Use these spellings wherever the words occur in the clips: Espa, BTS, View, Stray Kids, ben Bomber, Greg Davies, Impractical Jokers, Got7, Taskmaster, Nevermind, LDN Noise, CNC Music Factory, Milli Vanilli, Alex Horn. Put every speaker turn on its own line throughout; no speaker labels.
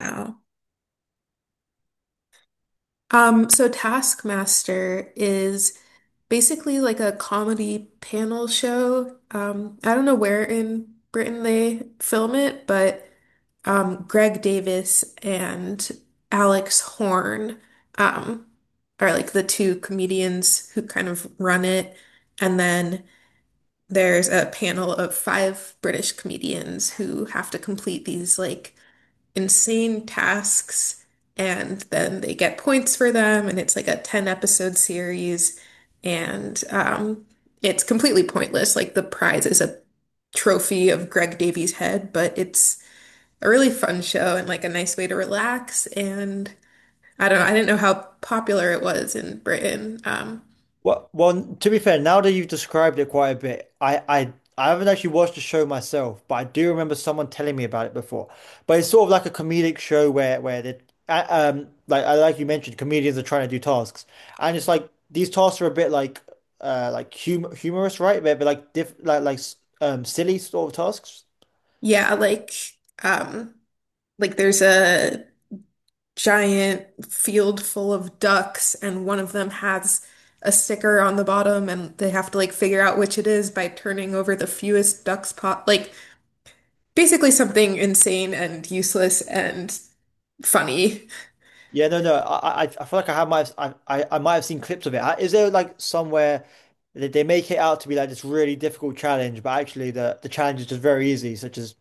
Wow. So Taskmaster is basically like a comedy panel show. I don't know where in Britain they film it, but Greg Davis and Alex Horn um, are like the two comedians who kind of run it. And then there's a panel of five British comedians who have to complete these like insane tasks, and then they get points for them, and it's like a 10 episode series. And it's completely pointless. Like the prize is a trophy of Greg Davies' head, but it's a really fun show and like a nice way to relax. And I don't know, I didn't know how popular it was in Britain.
Well, to be fair, now that you've described it quite a bit, I haven't actually watched the show myself, but I do remember someone telling me about it before. But it's sort of like a comedic show where, like you mentioned, comedians are trying to do tasks, and it's like these tasks are a bit like humorous, right? But like silly sort of tasks.
Yeah, like, um like there's a giant field full of ducks, and one of them has a sticker on the bottom, and they have to like figure out which it is by turning over the fewest ducks pot. Like basically something insane and useless and funny.
Yeah, no. I feel like I have might have, I might have seen clips of it. Is there like somewhere that they make it out to be like this really difficult challenge, but actually the challenge is just very easy, such as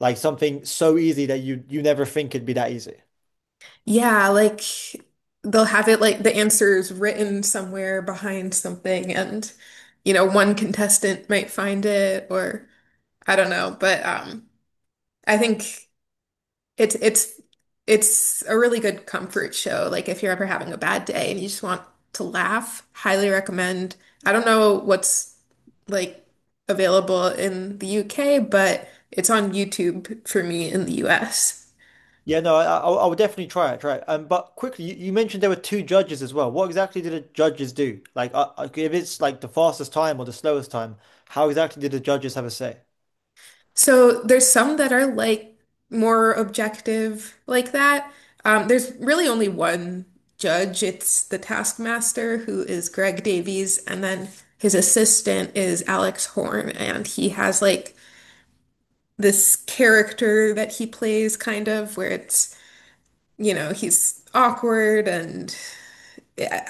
like something so easy that you never think it'd be that easy.
Yeah, like they'll have it like the answers written somewhere behind something, and you know, one contestant might find it, or I don't know, but I think. It's it's it's a really good comfort show. Like if you're ever having a bad day and you just want to laugh, highly recommend. I don't know what's like available in the UK, but it's on YouTube for me in the US.
Yeah, no, I would definitely try it. But quickly, you mentioned there were two judges as well. What exactly did the judges do? Like, if it's like the fastest time or the slowest time, how exactly did the judges have a say?
So there's some that are like more objective like that. There's really only one judge. It's the Taskmaster, who is Greg Davies, and then his assistant is Alex Horn, and he has like this character that he plays, kind of, where it's, you know, he's awkward, and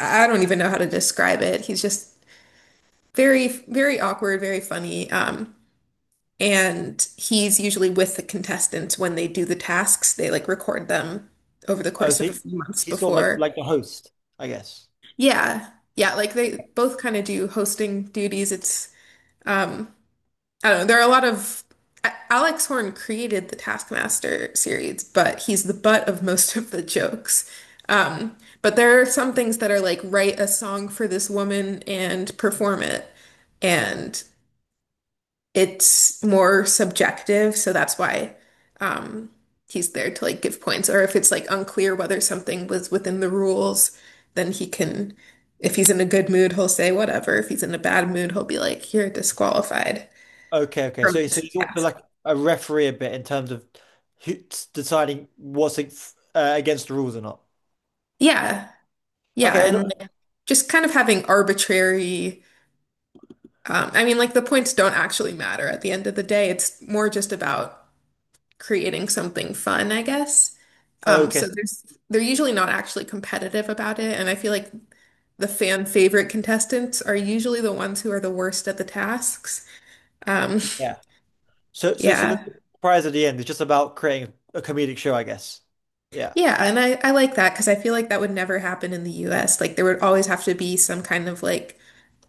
I don't even know how to describe it. He's just very, very awkward, very funny. And he's usually with the contestants when they do the tasks. They like record them over the
Oh,
course
so
of a few months
he's sort of like
before.
like the host, I guess.
Yeah. Yeah, like they both kind of do hosting duties. It's um I don't know. There are a lot of Alex Horn created the Taskmaster series, but he's the butt of most of the jokes. Um, but there are some things that are like write a song for this woman and perform it, and it's more subjective, so that's why, um, he's there to like give points. Or if it's like unclear whether something was within the rules, then he can, if he's in a good mood, he'll say whatever. If he's in a bad mood, he'll be like, you're disqualified
Okay, okay.
from
So
this
he's also
task.
like a referee a bit in terms of who, deciding what's against the rules or not.
Yeah. Yeah.
Okay, I
And
don't-
like, just kind of having arbitrary, I mean, like the points don't actually matter at the end of the day. It's more just about creating something fun, I guess. Um, so
okay,
there's, they're usually not actually competitive about it. And I feel like the fan favorite contestants are usually the ones who are the worst at the tasks. Um,
yeah. So, so, so the
yeah.
prize at the end is just about creating a comedic show, I guess. Yeah,
Yeah. And I like that because I feel like that would never happen in the US. Like there would always have to be some kind of like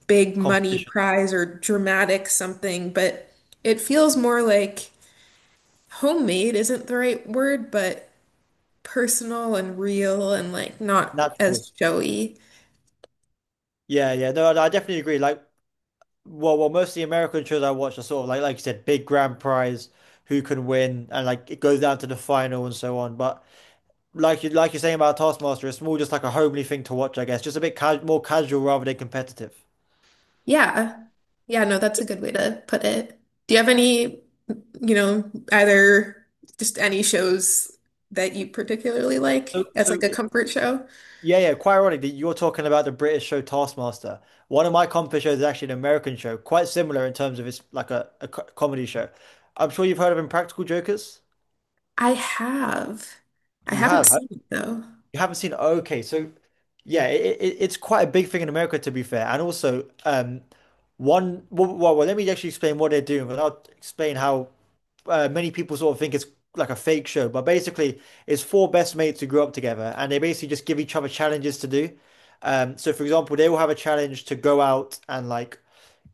big money
competition,
prize or dramatic something, but it feels more like homemade isn't the right word, but personal and real and like not
natural.
as showy.
Yeah, yeah. No, I definitely agree. Like, well, most of the American shows I watch are sort of like you said, big grand prize, who can win, and like it goes down to the final and so on. But like you're saying about Taskmaster, it's more just like a homely thing to watch, I guess. Just a bit ca more casual rather than competitive.
Yeah. Yeah, no, that's a good way to put it. Do you have any, you know, either just any shows that you particularly
So,
like as like
so
a comfort show?
yeah, yeah, quite ironic that you're talking about the British show Taskmaster. One of my comedy shows is actually an American show, quite similar in terms of it's like a comedy show. I'm sure you've heard of Impractical Jokers.
I have. I
You
haven't
have.
seen it though.
You haven't seen? Okay, so yeah, it's quite a big thing in America, to be fair. And also, one well, well, well, let me actually explain what they're doing, but I'll explain how many people sort of think it's like a fake show, but basically it's four best mates who grew up together and they basically just give each other challenges to do. So for example, they will have a challenge to go out and like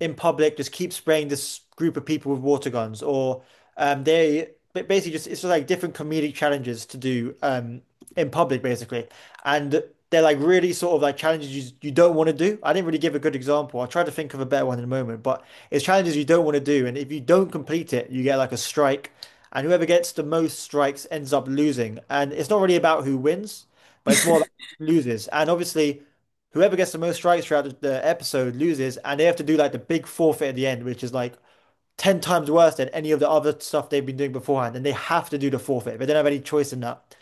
in public just keep spraying this group of people with water guns, or they but basically just it's just like different comedic challenges to do in public basically, and they're like really sort of like challenges you don't want to do. I didn't really give a good example. I'll try to think of a better one in a moment, but it's challenges you don't want to do, and if you don't complete it, you get like a strike. And whoever gets the most strikes ends up losing. And it's not really about who wins, but it's more about who loses. And obviously, whoever gets the most strikes throughout the, episode loses, and they have to do like the big forfeit at the end, which is like 10 times worse than any of the other stuff they've been doing beforehand. And they have to do the forfeit, they don't have any choice in that.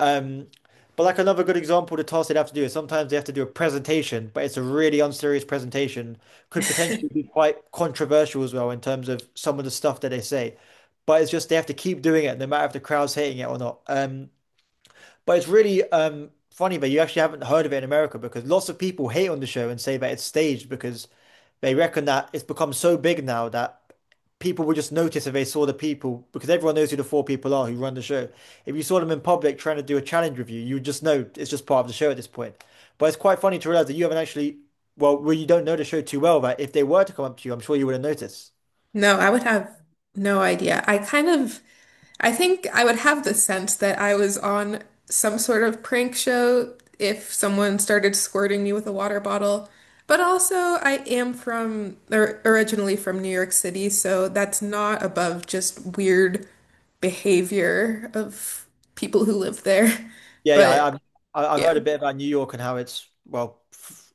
Um, but like another good example, the task they'd have to do is sometimes they have to do a presentation, but it's a really unserious presentation. Could potentially be quite controversial as well in terms of some of the stuff that they say. But it's just they have to keep doing it, no matter if the crowd's hating it or not. But it's really funny that you actually haven't heard of it in America because lots of people hate on the show and say that it's staged because they reckon that it's become so big now that people would just notice if they saw the people because everyone knows who the four people are who run the show. If you saw them in public trying to do a challenge with you, you would just know it's just part of the show at this point. But it's quite funny to realize that you haven't actually, well, you don't know the show too well that if they were to come up to you, I'm sure you would have noticed.
No, I would have no idea. I kind of I think I would have the sense that I was on some sort of prank show if someone started squirting me with a water bottle. But also, I am from, or originally from New York City, so that's not above just weird behavior of people who live there.
Yeah, yeah,
But
I've
yeah.
heard a bit about New York and how it's, well, f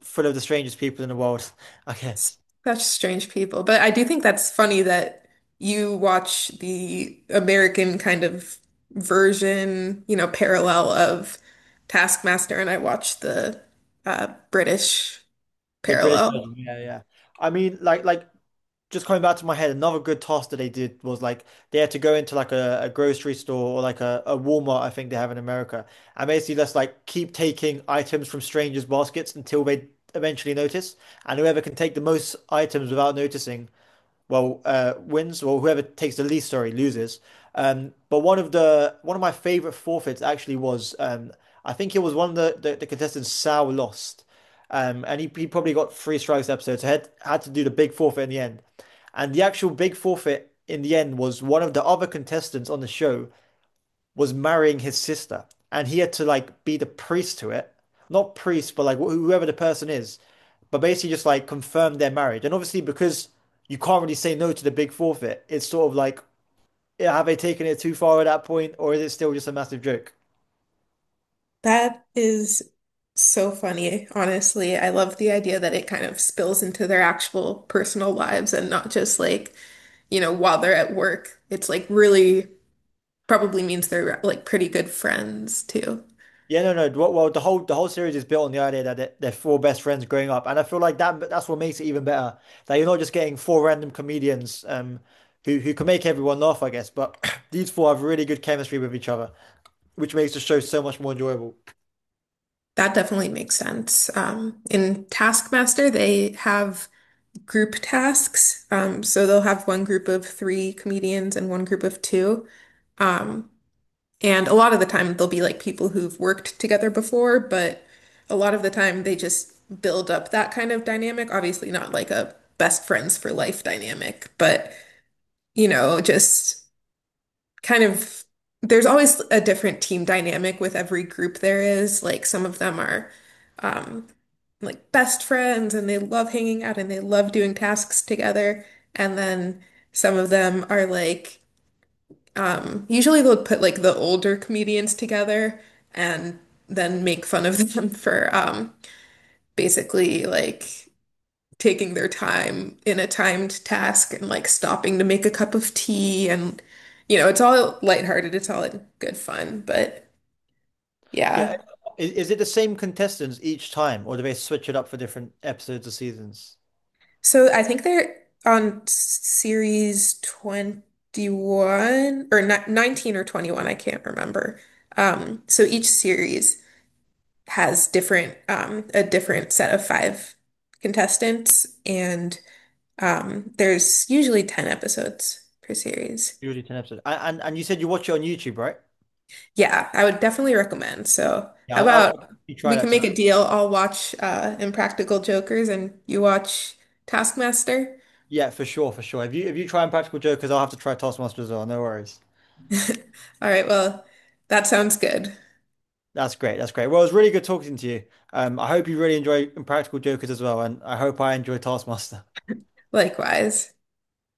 full of the strangest people in the world, I guess.
Such strange people. But I do think that's funny that you watch the American kind of version, you know, parallel of Taskmaster, and I watch the British
The British
parallel.
version, yeah, yeah. I mean, like just coming back to my head, another good task that they did was like they had to go into like a grocery store or like a Walmart, I think they have in America, and basically just like keep taking items from strangers' baskets until they eventually notice, and whoever can take the most items without noticing wins, or whoever takes the least, sorry, loses. But one of my favorite forfeits actually was I think it was one of the contestants Sal lost, and he probably got three strikes episode, so had to do the big forfeit in the end. And the actual big forfeit in the end was one of the other contestants on the show was marrying his sister, and he had to like be the priest to it, not priest, but like whoever the person is, but basically just like confirm their marriage. And obviously, because you can't really say no to the big forfeit, it's sort of like, yeah, have they taken it too far at that point, or is it still just a massive joke?
That is so funny, honestly. I love the idea that it kind of spills into their actual personal lives and not just like, you know, while they're at work. It's like really probably means they're like pretty good friends too.
Yeah, no, no. Well, the whole series is built on the idea that they're four best friends growing up, and I feel like that's what makes it even better. That you're not just getting four random comedians who can make everyone laugh, I guess, but these four have really good chemistry with each other, which makes the show so much more enjoyable.
That definitely makes sense. In Taskmaster, they have group tasks. So they'll have one group of three comedians and one group of two. Um, and a lot of the time, they'll be like people who've worked together before, but a lot of the time, they just build up that kind of dynamic. Obviously, not like a best friends for life dynamic, but you know, just kind of there's always a different team dynamic with every group there is. Like some of them are um like best friends, and they love hanging out and they love doing tasks together. And then some of them are like usually they'll put like the older comedians together and then make fun of them for basically like taking their time in a timed task and like stopping to make a cup of tea, and you know, it's all lighthearted, it's all in good fun, but
Yeah,
yeah.
is it the same contestants each time, or do they switch it up for different episodes or seasons?
So I think they're on series 21 or ni 19 or 21, I can't remember. So each series has different a different set of five contestants, and there's usually 10 episodes per series.
Usually 10 episodes. And and you said you watch it on YouTube, right?
Yeah, I would definitely recommend. So,
Yeah,
how
I'll
about
definitely try
we can
that
make
tonight.
a deal? I'll watch Impractical Jokers and you watch Taskmaster.
Yeah, for sure, for sure. If you try Practical Jokers, I'll have to try Taskmaster as well. No worries.
All right, well, that sounds good.
That's great. That's great. Well, it was really good talking to you. I hope you really enjoy Practical Jokers as well, and I hope I enjoy Taskmaster.
Likewise.